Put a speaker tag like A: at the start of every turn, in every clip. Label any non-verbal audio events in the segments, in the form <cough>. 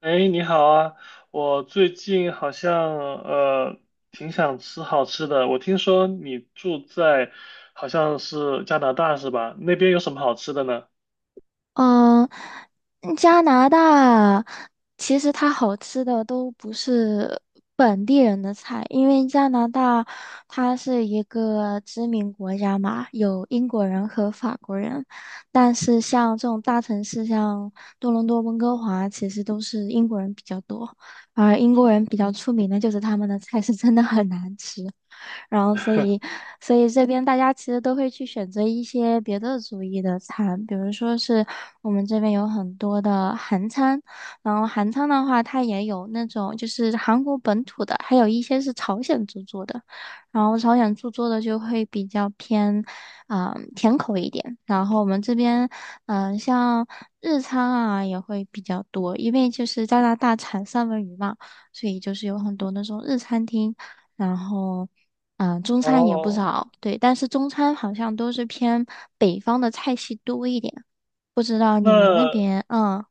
A: 哎，你好啊！我最近好像挺想吃好吃的。我听说你住在好像是加拿大是吧？那边有什么好吃的呢？
B: 嗯，加拿大其实它好吃的都不是本地人的菜，因为加拿大它是一个殖民国家嘛，有英国人和法国人，但是像这种大城市，像多伦多、温哥华，其实都是英国人比较多，而英国人比较出名的就是他们的菜是真的很难吃，然后所以
A: <laughs>
B: 所以这边大家其实都会去选择一些别的族裔的餐，比如说是我们这边有很多的韩餐，然后韩餐的话，它也有那种就是韩国本土的，还有一些是朝鲜族做的，然后朝鲜族做的就会比较偏，甜口一点。然后我们这边，像日餐啊也会比较多，因为就是加拿大产三文鱼嘛，所以就是有很多那种日餐厅，然后。中餐也不
A: 哦，
B: 少，对，但是中餐好像都是偏北方的菜系多一点，不知道你们
A: 那
B: 那边，嗯。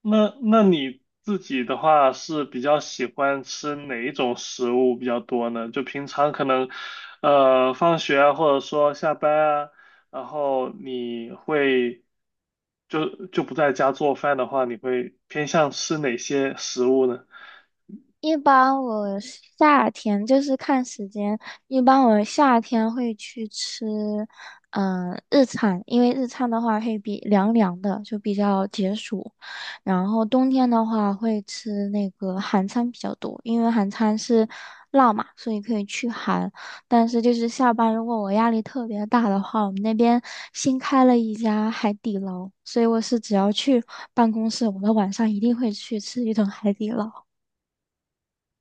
A: 那你自己的话是比较喜欢吃哪一种食物比较多呢？就平常可能，放学啊，或者说下班啊，然后你会就不在家做饭的话，你会偏向吃哪些食物呢？
B: 一般我夏天就是看时间，一般我夏天会去吃，日餐，因为日餐的话会比凉凉的，就比较解暑。然后冬天的话会吃那个韩餐比较多，因为韩餐是辣嘛，所以可以去寒。但是就是下班如果我压力特别大的话，我们那边新开了一家海底捞，所以我是只要去办公室，我的晚上一定会去吃一顿海底捞。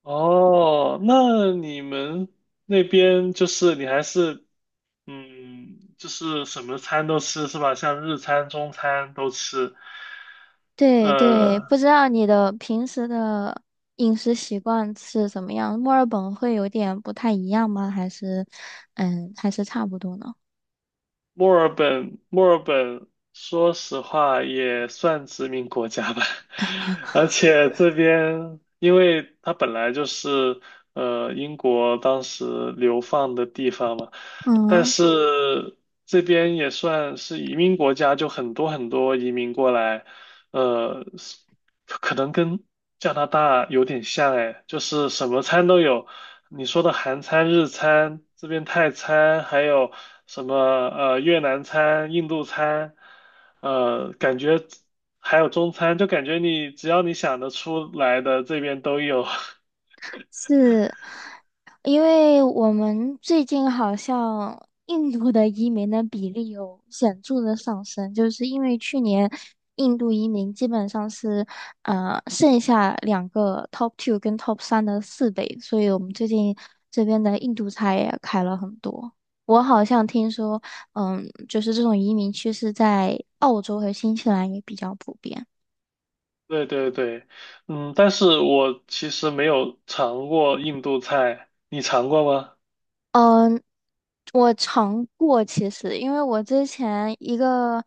A: 哦，那你们那边就是你还是嗯，就是什么餐都吃是吧？像日餐、中餐都吃，
B: 对对，不
A: 呃。
B: 知道你的平时的饮食习惯是怎么样？墨尔本会有点不太一样吗？还是，嗯，还是差不多呢？
A: 墨尔本，说实话也算殖民国家吧，<laughs> 而且这边，因为它本来就是英国当时流放的地方嘛，但
B: 嗯。
A: 是这边也算是移民国家，就很多很多移民过来，呃，可能跟加拿大有点像哎，就是什么餐都有。你说的韩餐、日餐，这边泰餐，还有什么越南餐、印度餐，呃，感觉还有中餐，就感觉你只要你想得出来的，这边都有。<laughs>
B: 是因为我们最近好像印度的移民的比例有显著的上升，就是因为去年印度移民基本上是剩下两个 top two 跟 top 3的4倍，所以我们最近这边的印度菜也开了很多。我好像听说，就是这种移民趋势在澳洲和新西兰也比较普遍。
A: 对对对，嗯，但是我其实没有尝过印度菜，你尝过吗？
B: 嗯，我尝过，其实因为我之前一个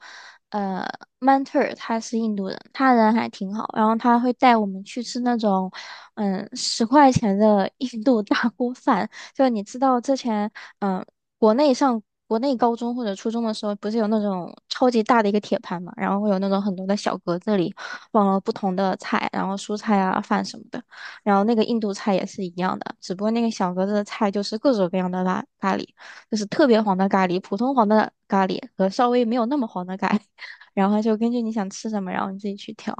B: 呃 mentor 他是印度人，他人还挺好，然后他会带我们去吃那种10块钱的 <laughs> 印度大锅饭，就你知道之前嗯国内上国内高中或者初中的时候，不是有那种超级大的一个铁盘嘛，然后会有那种很多的小格子里放了不同的菜，然后蔬菜啊饭什么的。然后那个印度菜也是一样的，只不过那个小格子的菜就是各种各样的咖喱，就是特别黄的咖喱、普通黄的咖喱和稍微没有那么黄的咖喱，<laughs> 然后就根据你想吃什么，然后你自己去挑。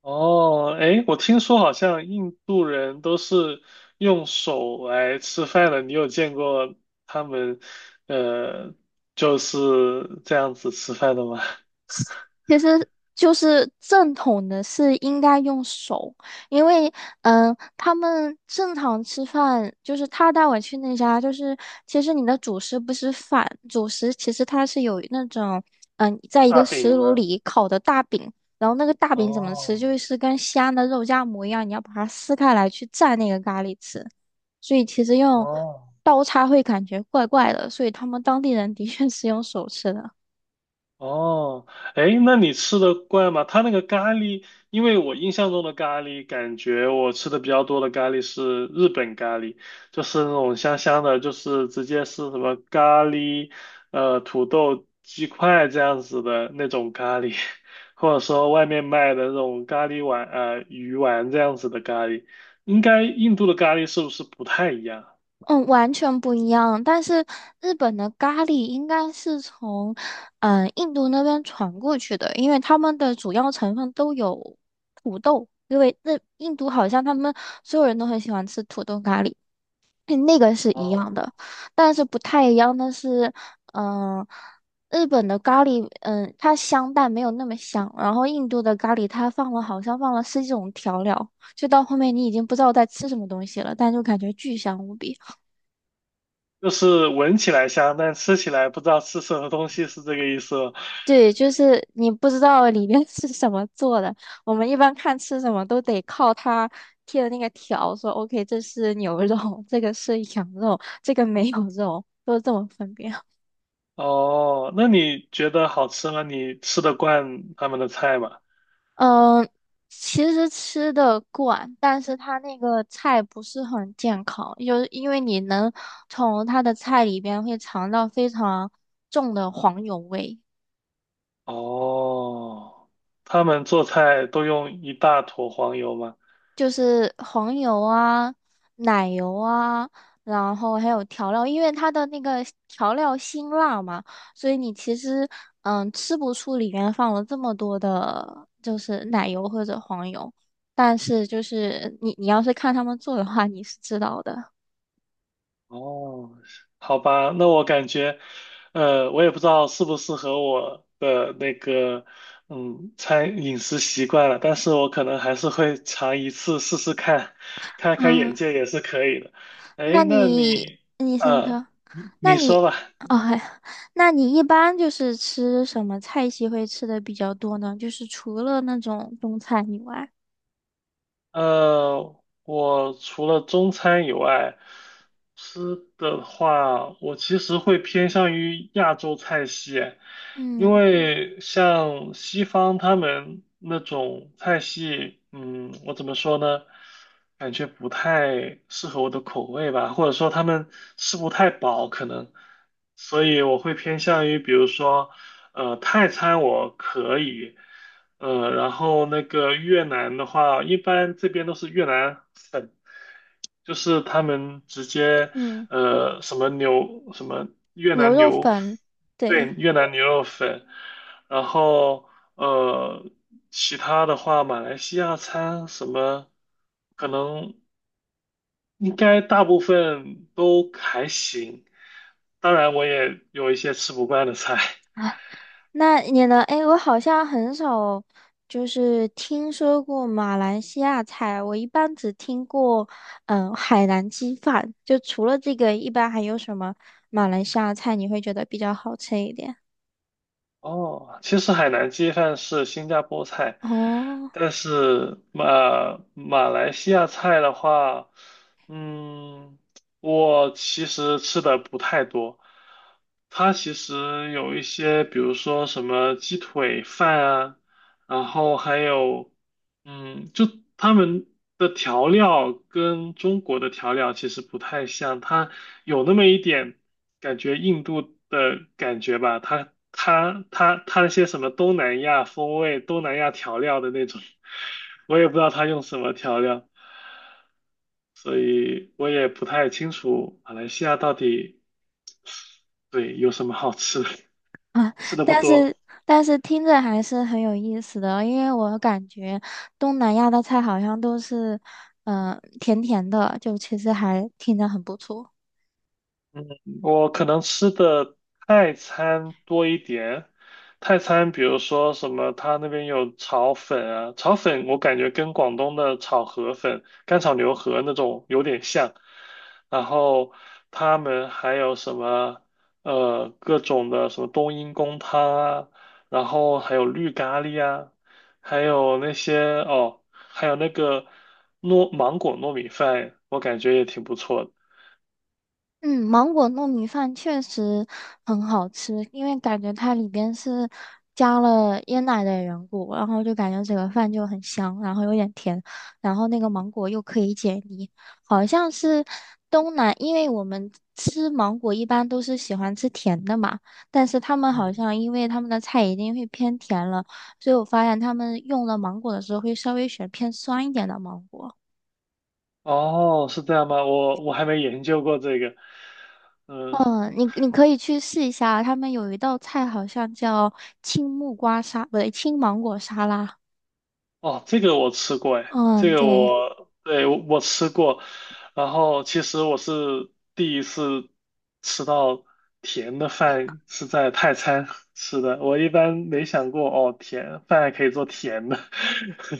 A: 哦，哎，我听说好像印度人都是用手来吃饭的，你有见过他们，呃，就是这样子吃饭的吗？
B: 其实就是正统的是应该用手，因为他们正常吃饭，就是他带我去那家，就是其实你的主食不是饭，主食其实它是有那种在一
A: 大
B: 个
A: 饼
B: 石炉
A: 吗？
B: 里烤的大饼，然后那个大
A: <laughs>
B: 饼怎么吃，
A: 哦，
B: 就是跟西安的肉夹馍一样，你要把它撕开来去蘸那个咖喱吃，所以其实用
A: 哦，
B: 刀叉会感觉怪怪的，所以他们当地人的确是用手吃的。
A: 哦，哎，那你吃的惯吗？他那个咖喱，因为我印象中的咖喱，感觉我吃的比较多的咖喱是日本咖喱，就是那种香香的，就是直接是什么咖喱，土豆鸡块这样子的那种咖喱，<laughs> 或者说外面卖的那种咖喱丸，鱼丸这样子的咖喱。应该印度的咖喱是不是不太一样？
B: 嗯，完全不一样。但是日本的咖喱应该是从印度那边传过去的，因为他们的主要成分都有土豆，因为那印度好像他们所有人都很喜欢吃土豆咖喱，那个是一样
A: 哦，
B: 的。但是不太一样的是，嗯、日本的咖喱，它香但没有那么香，然后印度的咖喱它放了好像放了十几种调料，就到后面你已经不知道在吃什么东西了，但就感觉巨香无比。
A: 就是闻起来香，但吃起来不知道吃什么东西，是这个意思吗？
B: 对，就是你不知道里面 <laughs> 是什么做的。我们一般看吃什么都得靠它贴的那个条，说 OK，这是牛肉，这个是羊肉，这个没有肉，都是这么分辨。
A: 哦，那你觉得好吃吗？你吃得惯他们的菜吗？
B: 嗯，其实吃的惯，但是它那个菜不是很健康，就是因为你能从它的菜里边会尝到非常重的黄油味。
A: 哦，他们做菜都用一大坨黄油吗？
B: 就是黄油啊、奶油啊，然后还有调料，因为它的那个调料辛辣嘛，所以你其实吃不出里面放了这么多的，就是奶油或者黄油。但是就是你要是看他们做的话，你是知道的。
A: 哦，好吧，那我感觉，我也不知道适不适合我的那个，嗯，餐饮食习惯了，但是我可能还是会尝一次试试看，开开眼
B: 嗯，
A: 界也是可以的。哎，
B: 那
A: 那
B: 你
A: 你，
B: 你先
A: 呃，
B: 说，
A: 你
B: 那
A: 你说
B: 你
A: 吧。
B: 哦，哎那你一般就是吃什么菜系会吃的比较多呢？就是除了那种中餐以外。
A: 呃，我除了中餐以外，吃的话，我其实会偏向于亚洲菜系，因
B: 嗯。
A: 为像西方他们那种菜系，嗯，我怎么说呢？感觉不太适合我的口味吧，或者说他们吃不太饱，可能，所以我会偏向于，比如说，泰餐我可以。然后那个越南的话，一般这边都是越南粉，就是他们直接
B: 嗯，
A: 什么牛什么越
B: 牛
A: 南
B: 肉
A: 牛，
B: 粉，
A: 对，
B: 对
A: 越南牛肉粉，然后呃其他的话，马来西亚餐什么可能应该大部分都还行，当然我也有一些吃不惯的菜，<laughs>
B: 啊，那你呢？哎，我好像很少就是听说过马来西亚菜，我一般只听过海南鸡饭。就除了这个，一般还有什么马来西亚菜你会觉得比较好吃一点？
A: 哦，其实海南鸡饭是新加坡菜，
B: 哦，
A: 但是马来西亚菜的话，嗯，我其实吃的不太多。它其实有一些，比如说什么鸡腿饭啊，然后还有，嗯，就他们的调料跟中国的调料其实不太像，它。有那么一点感觉印度的感觉吧，它那些什么东南亚风味、东南亚调料的那种，我也不知道它用什么调料，所以我也不太清楚马来西亚到底对有什么好吃的
B: 啊，
A: <laughs> 吃的不
B: 但
A: 多。
B: 是但是听着还是很有意思的，因为我感觉东南亚的菜好像都是甜甜的，就其实还听着很不错。
A: 我可能吃的泰餐多一点，泰餐比如说什么，他那边有炒粉啊，炒粉我感觉跟广东的炒河粉、干炒牛河那种有点像，然后他们还有什么各种的什么冬阴功汤啊，然后还有绿咖喱啊，还有那些哦，还有那个糯芒果糯米饭，我感觉也挺不错的。
B: 嗯，芒果糯米饭确实很好吃，因为感觉它里边是加了椰奶的缘故，然后就感觉整个饭就很香，然后有点甜，然后那个芒果又可以解腻，好像是东南，因为我们吃芒果一般都是喜欢吃甜的嘛，但是他们好
A: 嗯。
B: 像因为他们的菜一定会偏甜了，所以我发现他们用了芒果的时候会稍微选偏酸一点的芒果。
A: 哦，是这样吗？我还没研究过这个。嗯，
B: 嗯，你可以去试一下，他们有一道菜好像叫青木瓜沙，不对，青芒果沙拉。
A: 哦，这个我吃过，哎，这
B: 嗯，
A: 个
B: 对，
A: 我，对，我吃过。然后其实我是第一次吃到甜的饭是在泰餐吃的，我一般没想过哦，甜饭还可以做甜的。<laughs>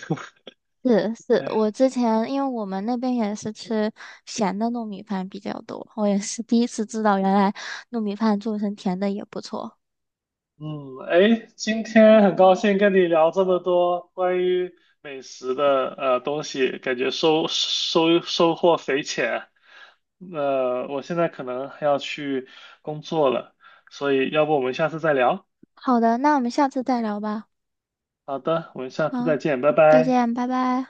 B: 是是，
A: 哎
B: 我之前因为我们那边也是吃咸的糯米饭比较多，我也是第一次知道原来糯米饭做成甜的也不错。
A: 嗯，哎，今天很高兴跟你聊这么多关于美食的东西，感觉收获匪浅。呃，我现在可能还要去工作了，所以要不我们下次再聊？
B: 好的，那我们下次再聊吧。
A: 好的，我们下次再
B: 啊，
A: 见，拜
B: 再
A: 拜。
B: 见，拜拜。